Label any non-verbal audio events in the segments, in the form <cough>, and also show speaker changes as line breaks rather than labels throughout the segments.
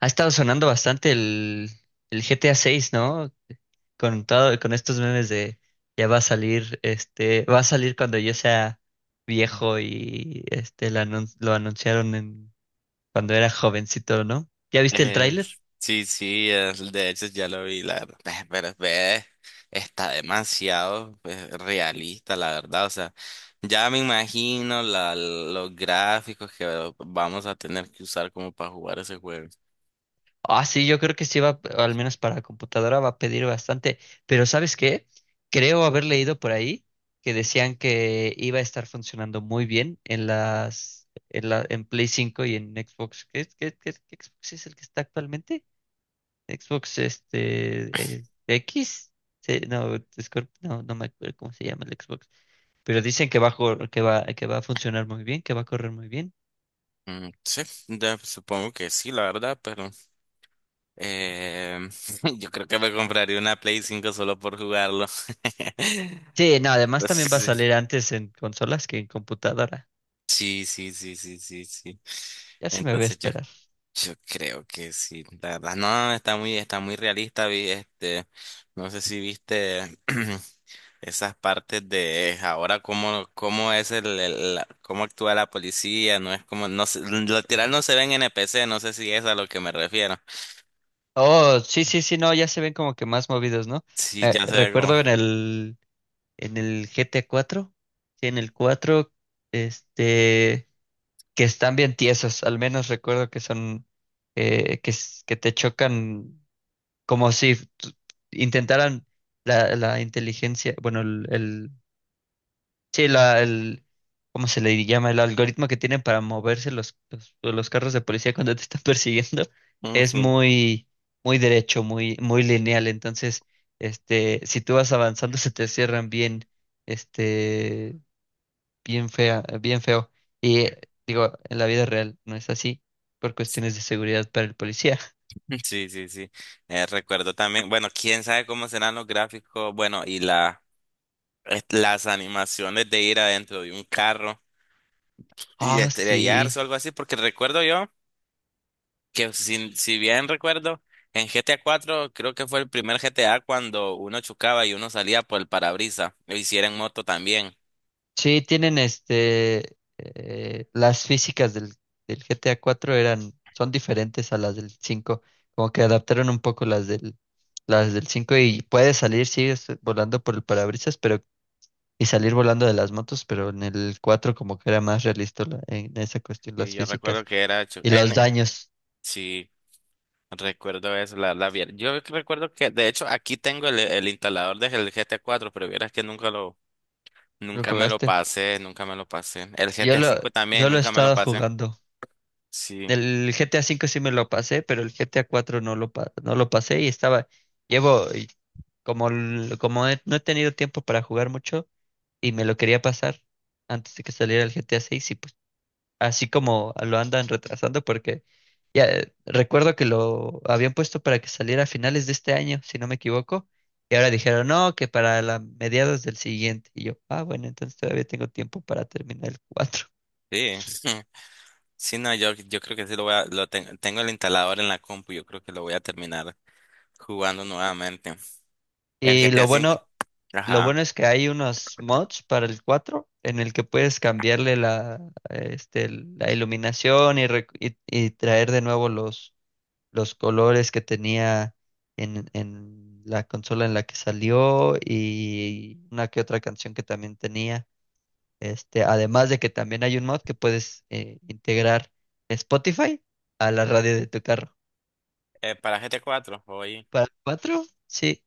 Ha estado sonando bastante el GTA 6, ¿no? Con todo, con estos memes de ya va a salir, va a salir cuando yo sea viejo y lo anunciaron en, cuando era jovencito, ¿no? ¿Ya viste el
Eh,
tráiler?
sí, sí, de hecho ya lo vi, la <laughs> verdad. Pero ve, está demasiado pues realista, la verdad. O sea, ya me imagino la, los gráficos que vamos a tener que usar como para jugar ese juego.
Ah, sí, yo creo que sí va, al menos para computadora va a pedir bastante, pero ¿sabes qué? Creo haber leído por ahí que decían que iba a estar funcionando muy bien en Play cinco y en Xbox. ¿Qué Xbox es el que está actualmente? Xbox X. Sí, no, no me acuerdo cómo se llama el Xbox, pero dicen que va a funcionar muy bien, que va a correr muy bien.
Mm, sí, supongo que sí, la verdad, pero eh, <laughs> yo creo que me compraría una Play 5 solo por jugarlo. <laughs>
Sí, no, además también va a
Entonces,
salir antes en consolas que en computadora.
sí, sí, sí, sí, sí, sí.
Ya se me ve
Entonces yo
esperar.
Yo creo que sí. La verdad, no, no, está muy realista. Vi, este, no sé si viste <clears throat> esas partes de ahora cómo, cómo es el- la- cómo actúa la policía. No es como, no, literal no se ven NPC. No sé si es a lo que me refiero.
Oh, sí, sí, sí, no, ya se ven como que más movidos, ¿no?
Sí, ya se ve como.
Recuerdo en el, GT cuatro sí, en el cuatro, este, que están bien tiesos, al menos recuerdo que son, que te chocan como si intentaran la, inteligencia, bueno, el, sí, la, el, ¿cómo se le llama? El algoritmo que tienen para moverse los carros de policía cuando te están <laughs> persiguiendo es
Ujú.
muy, muy derecho, muy, muy lineal. Entonces, si tú vas avanzando, se te cierran bien, este, bien fea, bien feo. Y digo, en la vida real no es así por cuestiones de seguridad para el policía. <laughs>
Sí, sí, sí. Recuerdo también, bueno, quién sabe cómo serán los gráficos, bueno, y la, las animaciones de ir adentro de un carro y
Ah,
estrellarse
sí.
o algo así, porque recuerdo yo, que si bien recuerdo, en GTA 4 creo que fue el primer GTA cuando uno chocaba y uno salía por el parabrisas, lo hicieron en moto también.
Sí, tienen las físicas del GTA cuatro eran, son diferentes a las del cinco, como que adaptaron un poco las del cinco y puedes salir, sí, volando por el parabrisas, pero, y salir volando de las motos, pero en el cuatro como que era más realista en esa cuestión,
Y
las
yo recuerdo
físicas
que era, chu-
y los
en,
daños.
sí, recuerdo eso, yo recuerdo que, de hecho, aquí tengo el instalador del GTA 4, pero vieras que nunca lo,
¿Lo
nunca me lo
jugaste?
pasé, nunca me lo pasé. El
Yo
GTA
lo,
5 también,
yo lo he
nunca me lo
estado
pasé.
jugando.
Sí,
El GTA V sí me lo pasé, pero el GTA 4 no lo pasé y estaba, llevo, y como, como no he tenido tiempo para jugar mucho y me lo quería pasar antes de que saliera el GTA 6 y pues así como lo andan retrasando porque ya recuerdo que lo habían puesto para que saliera a finales de este año, si no me equivoco, y ahora dijeron, no, que para la mediados del siguiente. Y yo, ah, bueno, entonces todavía tengo tiempo para terminar el cuatro.
sí. <laughs> Sí, no, yo creo que sí lo voy a, tengo el instalador en la compu, yo creo que lo voy a terminar jugando nuevamente. El G
Y
GTA
lo
cinco,
bueno Lo
Ajá.
bueno es que hay unos mods para el cuatro en el que puedes cambiarle la iluminación y, y traer de nuevo los, colores que tenía en la consola en la que salió y una que otra canción que también tenía. Además de que también hay un mod que puedes integrar Spotify a la radio de tu carro.
Para GTA 4 hoy.
Para el 4, sí.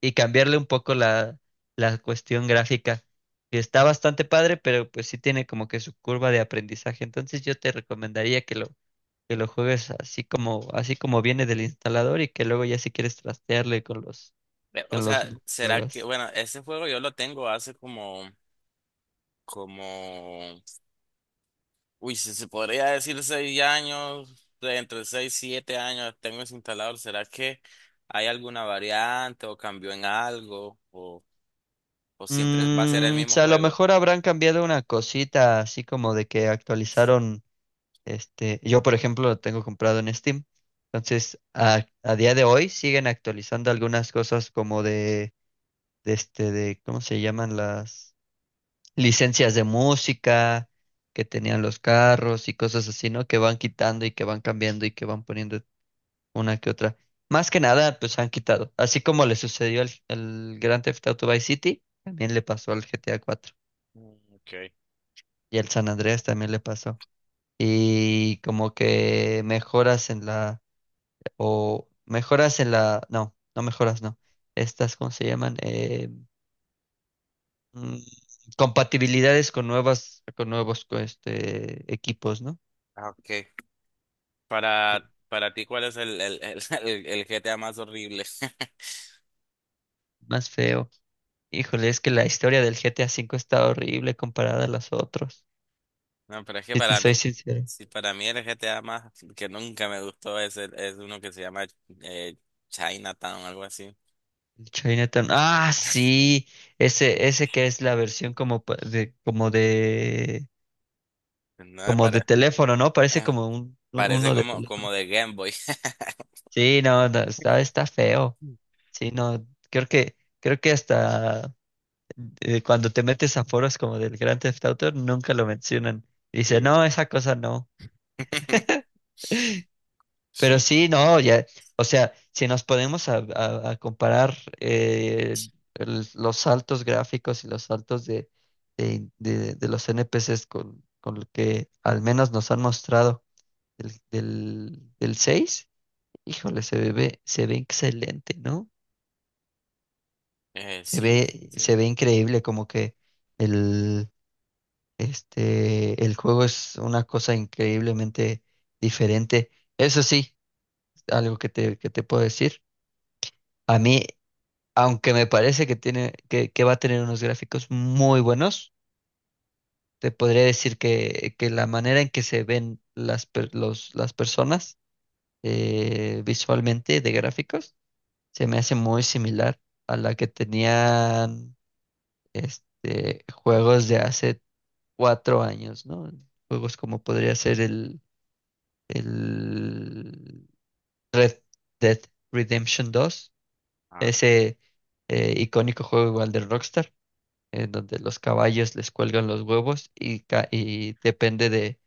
Y cambiarle un poco la, cuestión gráfica. Que está bastante padre, pero pues sí tiene como que su curva de aprendizaje. Entonces yo te recomendaría que lo, juegues así como viene del instalador y que luego ya si quieres trastearle con los,
O
con los
sea,
mods lo
será que,
hagas.
bueno, ese juego yo lo tengo hace como, como, uy, si se podría decir 6 años, de entre 6 y 7 años tengo ese instalador. ¿Será que hay alguna variante o cambió en algo? O siempre va a ser el
O
mismo
sea, a lo
juego?
mejor habrán cambiado una cosita, así como de que actualizaron, yo por ejemplo lo tengo comprado en Steam. Entonces, a día de hoy siguen actualizando algunas cosas como de de ¿cómo se llaman las licencias de música que tenían los carros y cosas así, ¿no? Que van quitando y que van cambiando y que van poniendo una que otra. Más que nada, pues han quitado. Así como le sucedió al Grand Theft Auto Vice City, también le pasó al GTA cuatro
Mm, okay.
y al San Andreas también le pasó. Y como que mejoras en la, o mejoras en la, no, no mejoras, no. Estas, ¿cómo se llaman? Mm, Compatibilidades con nuevas, con nuevos equipos, ¿no?
Ah, okay.
Sí,
Para ti, ¿cuál es <laughs> el GTA más horrible? <laughs>
más feo. Híjole, es que la historia del GTA V está horrible comparada a las otras.
No, pero es que
Si te
para mí,
soy sincero.
si para mí el GTA más que nunca me gustó es, es uno que se llama eh, Chinatown, algo así.
El Chinatown. Ah, sí. Ese que es la versión como de, como de,
No me
como de
parece.
teléfono, ¿no? Parece como un,
Parece
uno de
como,
teléfono.
como de Game Boy. <laughs>
Sí, no, no, está, feo. Sí, no, creo que hasta cuando te metes a foros como del Grand Theft Auto, nunca lo mencionan. Dice,
Sí.
no, esa cosa no. <laughs>
<laughs>
Pero
Sí,
sí, no, ya, o sea, si nos podemos a comparar, eh, los saltos gráficos y los saltos de los NPCs con, lo que al menos nos han mostrado del, seis. Híjole, se ve, excelente, ¿no? Se
sí, sí,
ve, se
sí.
ve increíble como que el el juego es una cosa increíblemente diferente. Eso sí, algo que te puedo decir. A mí, aunque me parece que tiene, que va a tener unos gráficos muy buenos, te podría decir que la manera en que se ven las personas, visualmente de gráficos, se me hace muy similar a la que tenían, juegos de hace cuatro años, ¿no? Juegos como podría ser el Red Dead Redemption 2,
Ah,
ese, icónico juego igual de Rockstar, en donde los caballos les cuelgan los huevos y, y depende de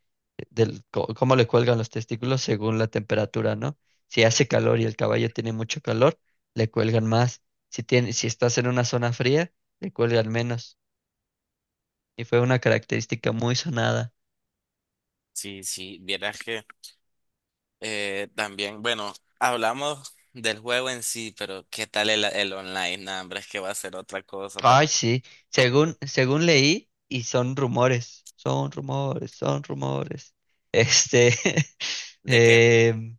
del co- cómo le cuelgan los testículos según la temperatura, ¿no? Si hace calor y el caballo tiene mucho calor, le cuelgan más. Si tiene, si estás en una zona fría, le cuelgan menos. Y fue una característica muy sonada.
sí, sí, vieras que también, bueno, hablamos del juego en sí, pero ¿qué tal el online? Nah, hombre, es que va a ser otra cosa
Ay,
también.
sí, según, leí, y son rumores, son rumores, son rumores. Este, <laughs>
¿De qué?
em,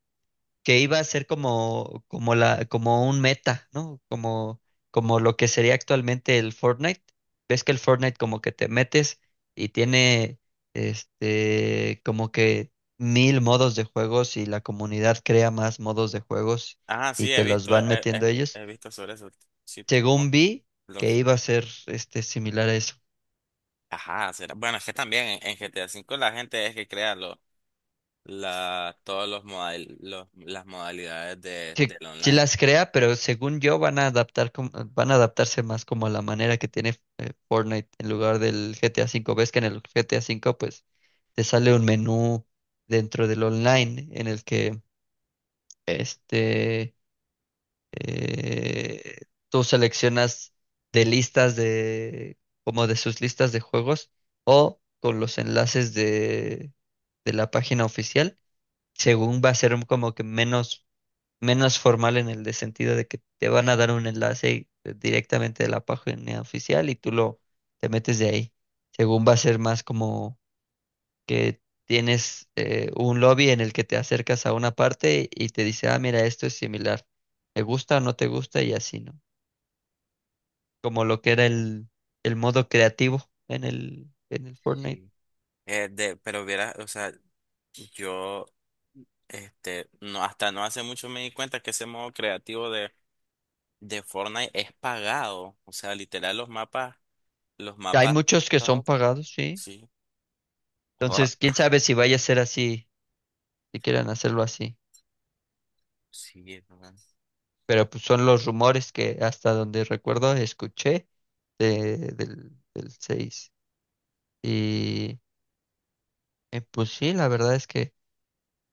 que iba a ser como la, como un meta, ¿no? Como lo que sería actualmente el Fortnite. Ves que el Fortnite como que te metes y tiene, como que mil modos de juegos y la comunidad crea más modos de juegos
Ah,
y
sí,
te los van metiendo ellos.
he visto sobre eso, sí.
Llegó un B que iba a ser similar a eso.
Ajá, será. Bueno, es que también en GTA V la gente es que crea lo, la, todos los modal, los, las modalidades de,
Sí,
del
sí
online.
las crea, pero según yo van a van a adaptarse más como a la manera que tiene, Fortnite, en lugar del GTA V. Ves que en el GTA V pues te sale un menú dentro del online en el que este eh, tú seleccionas de listas de, como de sus listas de juegos o con los enlaces de la página oficial. Según va a ser como que menos, menos formal en el de sentido de que te van a dar un enlace directamente de la página oficial y tú lo, te metes de ahí. Según va a ser más como que tienes, un lobby en el que te acercas a una parte y te dice, ah, mira, esto es similar. ¿Te gusta o no te gusta? Y así, ¿no? Como lo que era
Eh,
el modo creativo en el, Fortnite.
Sí. Pero hubiera, o sea, yo este, no, hasta no hace mucho me di cuenta que ese modo creativo de Fortnite es pagado. O sea, literal los
Hay
mapas,
muchos que son
todos,
pagados, sí.
sí. Joda,
Entonces, quién sabe si vaya a ser así, si
sí,
quieran hacerlo así.
sí, es verdad.
Pero pues, son los rumores que hasta donde recuerdo escuché del seis. Y pues sí, la verdad es que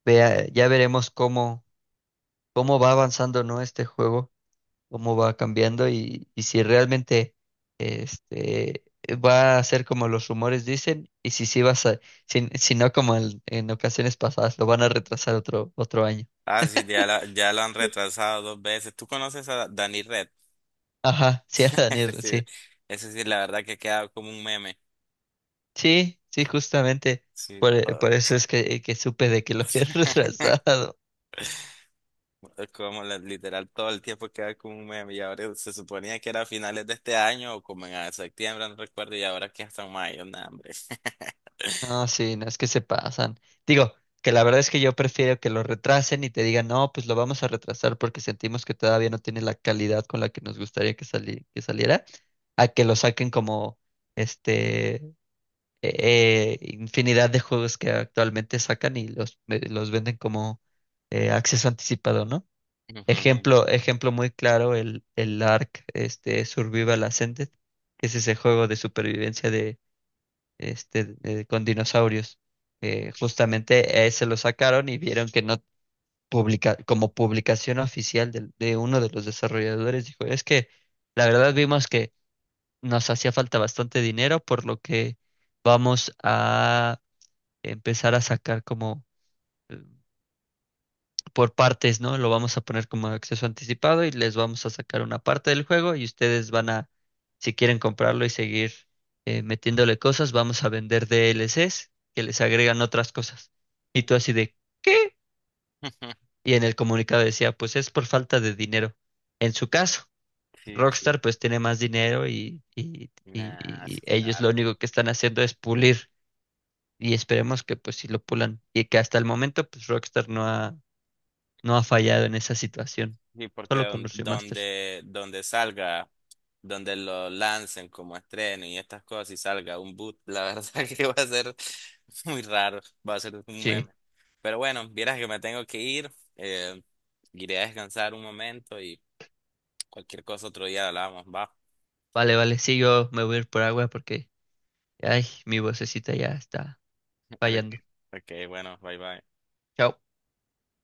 vea, ya veremos cómo, va avanzando, ¿no? Este juego, cómo va cambiando y si realmente, este, va a ser como los rumores dicen y si sí vas a ser, si no como en, ocasiones pasadas, lo van a retrasar otro año.
Ah, sí, ya, ya lo han retrasado 2 veces. ¿Tú conoces a Dani?
Ajá, sí, <laughs>
Ese
Daniel,
sí,
sí.
ese sí, la verdad que queda como un meme.
Sí, sí, justamente.
Sí,
Por,
todo.
por eso es que supe de que lo habían <laughs>
<laughs>
retrasado.
Como literal todo el tiempo queda como un meme. Y ahora se suponía que era a finales de este año o como en ah, septiembre, no recuerdo, y ahora que hasta mayo, no, hombre. <laughs>
No, sí, no es que se pasan. Digo, que la verdad es que yo prefiero que lo retrasen y te digan, no, pues lo vamos a retrasar porque sentimos que todavía no tiene la calidad con la que nos gustaría que que saliera, a que lo saquen como, este infinidad de juegos que actualmente sacan y los venden como, acceso anticipado, ¿no?
Ujú,
Ejemplo, ejemplo muy claro, el Ark, Survival Ascended, que es ese juego de supervivencia con dinosaurios.
ujú.
Justamente ese lo sacaron y vieron que no publica, como publicación oficial uno de los desarrolladores, dijo, es que la verdad vimos que nos hacía falta bastante dinero, por lo que vamos a empezar a sacar como, eh, por partes, ¿no? Lo vamos a poner como acceso anticipado y les vamos a sacar una parte del juego y ustedes van a, si quieren comprarlo y seguir, metiéndole cosas, vamos a vender DLCs que les agregan otras cosas. Y tú así de, ¿qué?
<laughs>
Y en el comunicado decía, pues es por falta de dinero. En su caso,
Sí, sí.
Rockstar pues tiene más dinero y, y, y-
Nah,
y
sí,
ellos lo
claro.
único que están haciendo es pulir. Y esperemos que pues si lo pulan y que hasta el momento pues Rockstar no ha fallado en esa situación.
Sí, porque
Solo con los remasters.
donde, donde salga, donde lo lancen como estreno y estas cosas y salga un boot, la verdad <laughs> que va a ser muy raro, va a ser un
Sí.
meme. Pero bueno, vieras que me tengo que ir, iré a descansar un momento y cualquier cosa otro día hablamos, va.
Vale, vale. Sí, yo me voy a ir por agua porque, ay, mi vocecita ya está
<laughs> Ok,
fallando.
ok, bueno, bye bye.
Chao.